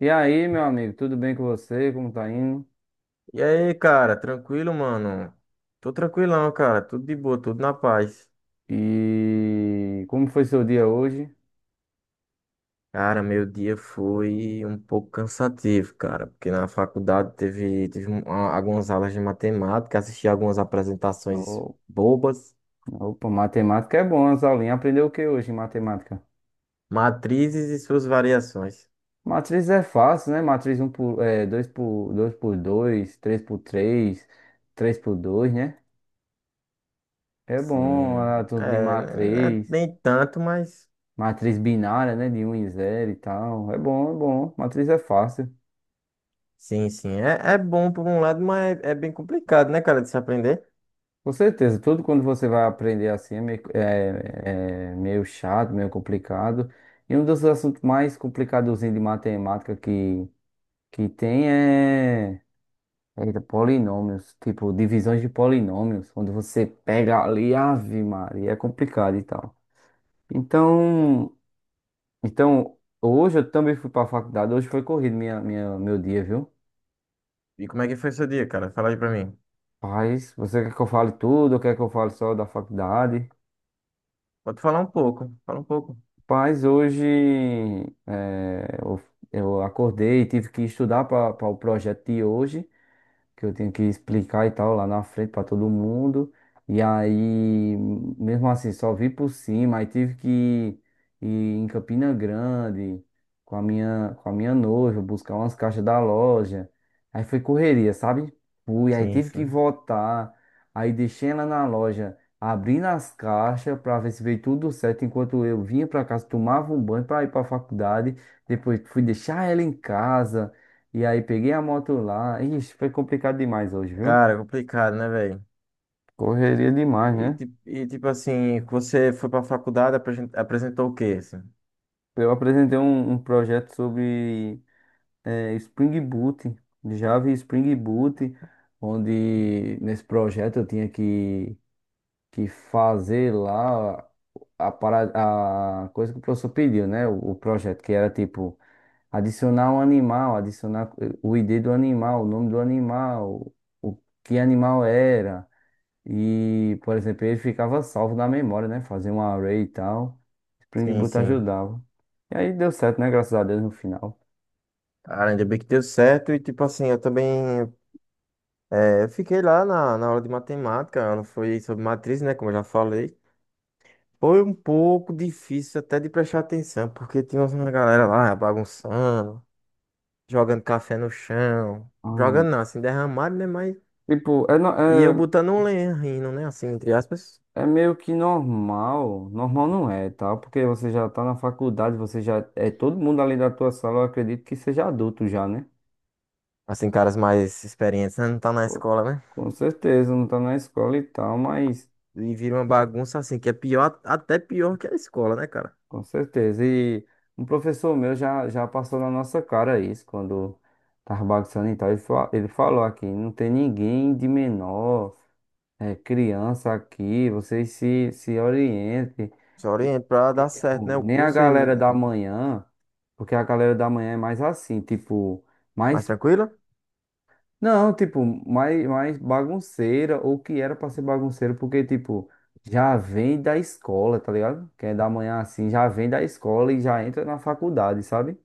E aí, meu amigo, tudo bem com você? Como tá indo? E aí, cara, tranquilo, mano? Tô tranquilão, cara, tudo de boa, tudo na paz. E como foi seu dia hoje? Cara, meu dia foi um pouco cansativo, cara, porque na faculdade teve algumas aulas de matemática, assisti algumas apresentações Ô, bobas, Opa, matemática é bom, as aulinhas. Aprendeu o que hoje em matemática? matrizes e suas variações. Matriz é fácil, né? Matriz um por, 2 por 2 3 por 3 3 por dois, né? É bom, Sim, ah, tudo de é, né, matriz, nem tanto, mas matriz binária, né? De um e zero e tal. É bom, é bom. Matriz é fácil. sim, sim. É bom por um lado, mas é bem complicado, né, cara, de se aprender. Com certeza, tudo quando você vai aprender assim é meio, meio chato, meio complicado. E um dos assuntos mais complicados de matemática que tem é, polinômios, tipo divisões de polinômios, quando você pega ali, ave Maria, é complicado e tal. Então, então, hoje eu também fui para a faculdade, hoje foi corrido meu dia, viu? E como é que foi seu dia, cara? Fala aí pra mim. Mas você quer que eu fale tudo ou quer que eu fale só da faculdade? Pode falar um pouco, fala um pouco. Paz, hoje eh, eu, eu acordei e tive que estudar para o projeto de hoje que eu tenho que explicar e tal lá na frente para todo mundo. E aí, mesmo assim, só vi por cima. Aí tive que ir em Campina Grande com a minha noiva, buscar umas caixas da loja. Aí foi correria, sabe? Fui, aí Sim, tive que sim. voltar. Aí deixei ela na loja, abrindo as caixas para ver se veio tudo certo. Enquanto eu vinha para casa, tomava um banho para ir para a faculdade. Depois fui deixar ela em casa. E aí peguei a moto lá. Ixi, foi complicado demais hoje, viu? Cara, complicado, né, velho? Correria demais, E, né? ti- e tipo assim, você foi pra faculdade, apresentou o quê, assim? Eu apresentei um projeto sobre Spring Boot, Java e Spring Boot, onde nesse projeto eu tinha que fazer lá a coisa que o professor pediu, né? O projeto, que era tipo adicionar um animal, adicionar o ID do animal, o nome do animal, o que animal era. E, por exemplo, ele ficava salvo na memória, né? Fazia um array e tal. Spring Sim, Boot sim. ajudava. E aí deu certo, né? Graças a Deus no final. Cara, ainda bem que deu certo. E tipo assim, eu também, eu fiquei lá na aula de matemática. Ela foi sobre matriz, né? Como eu já falei. Foi um pouco difícil até de prestar atenção, porque tinha uma galera lá bagunçando, jogando café no chão. Ah, Jogando não, assim, derramado, né? Mas. tipo, E eu botando um lenha rindo, né? Assim, entre aspas. é meio que normal. Normal não é, tá? Porque você já tá na faculdade, você já. É todo mundo ali da tua sala, eu acredito que seja adulto já, né? Assim, caras mais experientes, né? Não tá na Pô, escola, né? com certeza, não tá na escola e tal, mas. E vira uma bagunça assim, que é pior, até pior que a escola, né, cara? Com certeza. E um professor meu já passou na nossa cara isso, quando estava bagunçando e tal. Ele falou aqui: não tem ninguém de menor, criança aqui, vocês se orientem. Só E, oriento pra e, dar certo, tipo, né? O nem a curso e galera da manhã, porque a galera da manhã é mais assim, tipo, mais mais tranquilo. não, tipo, mais bagunceira, ou que era pra ser bagunceira, porque, tipo, já vem da escola, tá ligado? Quem é da manhã assim, já vem da escola e já entra na faculdade, sabe?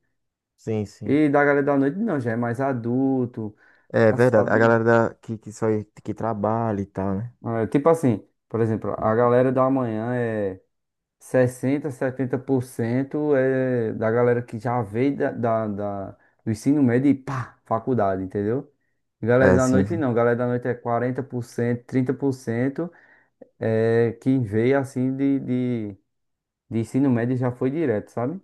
Sim, sim. E da galera da noite, não, já é mais adulto, É já verdade. A sabe. galera que só que trabalha e tal, né? É, tipo assim, por exemplo, a galera da manhã é 60 70% é da galera que já veio do ensino médio e pá, faculdade, entendeu? Galera É, da sim, noite sim. não, galera da noite é 40% 30% quem veio assim de ensino médio já foi direto, sabe?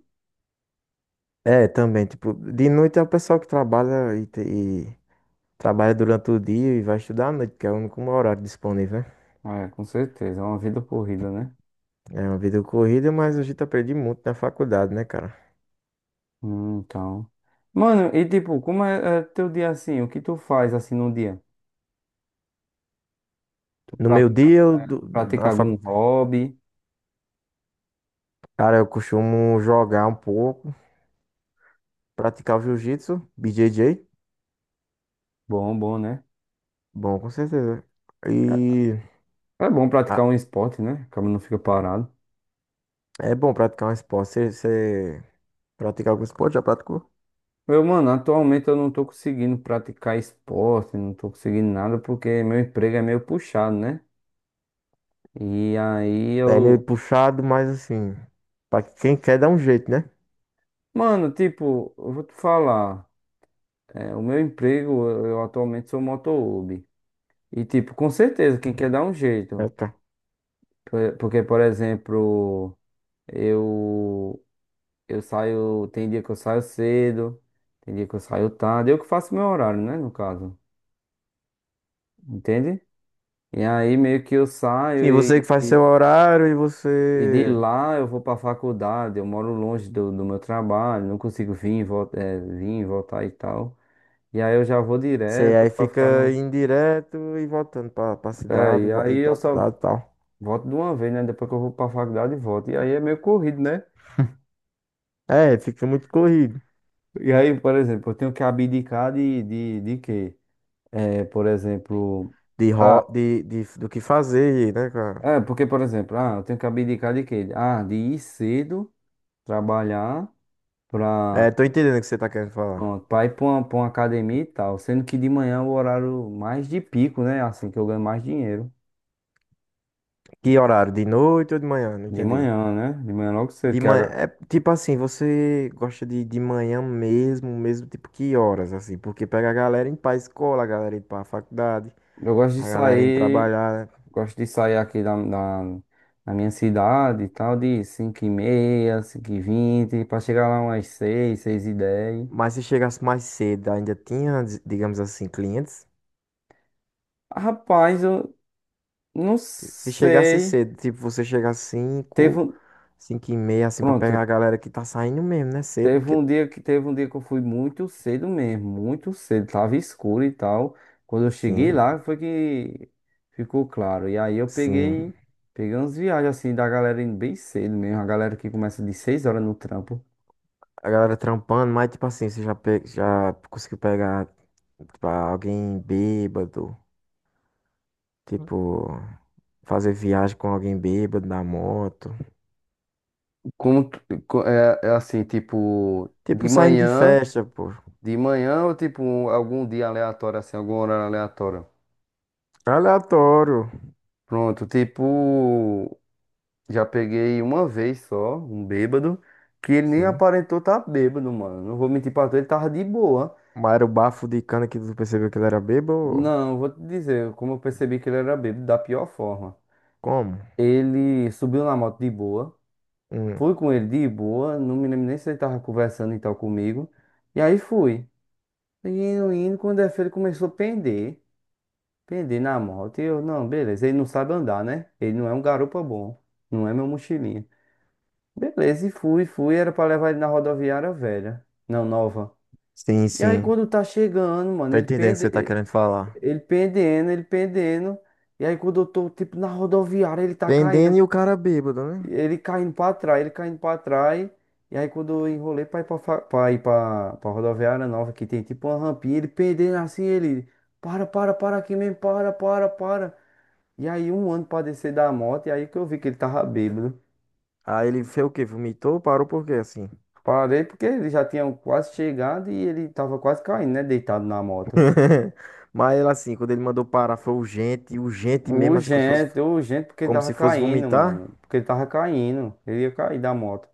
É, também, tipo, de noite é o pessoal que trabalha e trabalha durante o dia e vai estudar à noite, que é o único horário disponível, né? É, com certeza, é uma vida corrida, né? É uma vida corrida, mas a gente aprende muito na faculdade, né, cara? Então. Mano, e tipo, como é teu dia assim? O que tu faz assim no dia? Tu No meu pratica, dia, eu, é, tu do- pratica na algum facu... hobby? cara, eu costumo jogar um pouco. Praticar o jiu-jitsu, BJJ, Bom, bom, né? bom, com certeza. E É bom ah, praticar um esporte, né? Acaba não fica parado. é bom praticar um esporte. Você pratica algum esporte? Já praticou? Eu, mano, atualmente eu não tô conseguindo praticar esporte, não tô conseguindo nada porque meu emprego é meio puxado, né? E aí É meio eu. puxado, mas assim, pra quem quer dá um jeito, né? Mano, tipo, eu vou te falar. É, o meu emprego, eu atualmente sou motoboy. E, tipo, com certeza, quem quer dar um É, jeito. tá. Porque, por exemplo, eu, eu saio. Tem dia que eu saio cedo, tem dia que eu saio tarde. Eu que faço meu horário, né? No caso. Entende? E aí, meio que eu saio Sim, você que e, faz e, seu horário e e de você, lá eu vou pra faculdade. Eu moro longe do meu trabalho, não consigo vir, e voltar e tal. E aí eu já vou você direto aí pra fica ficar no. indo direto e voltando pra É, cidade, e aí indo eu pra só cidade e tal. volto de uma vez, né? Depois que eu vou pra faculdade, volto. E aí é meio corrido, né? É, fica muito corrido E aí, por exemplo, eu tenho que abdicar de quê? É, por exemplo. de, ro de, do que fazer, né, cara? É, porque, por exemplo, ah, eu tenho que abdicar de quê? Ah, de ir cedo, trabalhar É, pra. tô entendendo o que você tá querendo falar. Pronto, pra ir pra uma, academia e tal. Sendo que de manhã é o horário mais de pico, né? Assim que eu ganho mais dinheiro. Que horário? De noite ou de manhã? Não De entendi. manhã, né? De manhã logo cedo. De Que manhã, agora- é tipo assim, você gosta de manhã mesmo, mesmo tipo que horas, assim, porque pega a galera indo pra escola, a galera indo pra faculdade, eu gosto de a galera indo sair. trabalhar, né? Gosto de sair aqui da minha cidade e tal, de 5h30 5h20 pra chegar lá umas seis, 6h10. Mas se chegasse mais cedo, ainda tinha, digamos assim, clientes. Rapaz, eu não Se chegasse sei. cedo, tipo, você chega às Teve 5 um, 5 e meia, assim, pra pegar pronto, a galera que tá saindo mesmo, né, cedo, teve porque, um dia que teve um dia que eu fui muito cedo mesmo, muito cedo, tava escuro e tal. Quando eu cheguei sim, lá foi que ficou claro. E aí eu sim, peguei, peguei umas viagens assim da galera indo bem cedo mesmo, a galera que começa de 6 horas no trampo. a galera trampando. Mas tipo assim, já conseguiu pegar, tipo, alguém bêbado? Tipo, fazer viagem com alguém bêbado na moto. Como tu- é, é assim, tipo, Tipo, saindo de festa, pô. de manhã ou tipo um, algum dia aleatório, assim, algum horário aleatório. Aleatório. Pronto, tipo, já peguei uma vez só, um bêbado, que ele nem Sim. aparentou estar tá bêbado, mano. Não vou mentir pra tu, ele tava de boa. Mas era o bafo de cana que tu percebeu que ele era bêbado? Não, vou te dizer, como eu percebi que ele era bêbado, da pior forma. Como? Ele subiu na moto de boa, Hum. fui com ele de boa, não me lembro nem se ele tava conversando e tal comigo. E aí fui. Quando é feio, ele começou a pender. Pender na moto. E eu, não, beleza. Ele não sabe andar, né? Ele não é um garupa bom. Não é meu mochilinha. Beleza, e fui, fui. Era pra levar ele na rodoviária velha. Não, nova. Sim, E aí, sim. quando tá chegando, mano, Tô ele entendendo o que pende, você tá ele querendo falar. ele pendendo, ele pendendo. E aí, quando eu tô, tipo, na rodoviária, ele tá Pendendo caindo. e o cara bêbado, né? Ele caindo pra trás, ele caindo pra trás. E aí quando eu enrolei pra ir pra, ir pra, pra rodoviária nova, que tem tipo uma rampinha, ele pendendo assim, ele. Para, para, para aqui mesmo, para, para, para. E aí um ano pra descer da moto, e aí que eu vi que ele tava bêbado. Aí ele fez o quê? Vomitou? Parou por quê, assim? Parei porque ele já tinha quase chegado e ele tava quase caindo, né? Deitado na moto. Mas ele, assim, quando ele mandou parar, foi urgente, urgente mesmo, assim, como se fosse, Urgente, urgente, porque ele como tava se fosse caindo, vomitar. mano. Porque ele tava caindo. Ele ia cair da moto.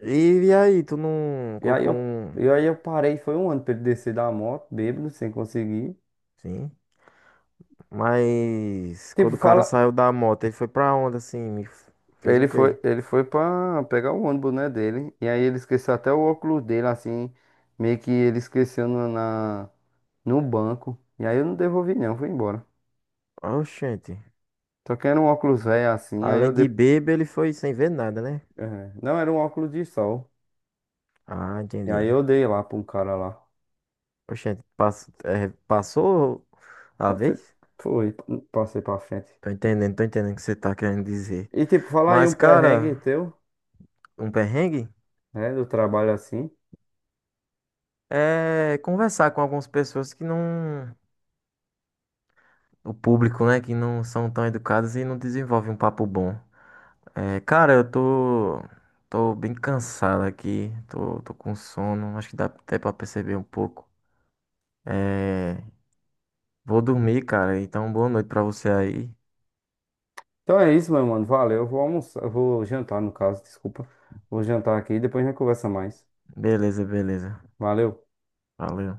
E aí, tu não E aí colocou eu, um... e aí eu parei, foi um ano pra ele descer da moto, bêbado, sem conseguir. Sim. Mas Tipo, quando o cara fala. saiu da moto, ele foi pra onde assim? Fez o Ele quê? foi, ele foi pra pegar o ônibus, né, dele. E aí ele esqueceu até o óculos dele, assim. Meio que ele esqueceu no banco. E aí eu não devolvi, não, fui embora. Oxente. Só que era um óculos velho assim, aí eu Além de dei. bêbado, ele foi sem ver nada, né? É, não, era um óculos de sol. Ah, E aí entendi. eu dei lá pra um cara lá. Oxente, passou a Passei, vez? foi, passei pra frente. Tô entendendo o que você tá querendo dizer. E tipo, falar aí um Mas, perrengue cara, teu, um perrengue né, do trabalho assim. é conversar com algumas pessoas que não. O público, né? Que não são tão educadas e não desenvolve um papo bom. É, cara, eu tô bem cansado aqui, tô com sono, acho que dá até pra perceber um pouco. É, vou dormir, cara, então boa noite pra você aí. Então é isso, meu mano. Valeu. Eu vou almoçar, eu vou jantar, no caso, desculpa. Vou jantar aqui e depois a gente conversa mais. Beleza, beleza. Valeu. Valeu.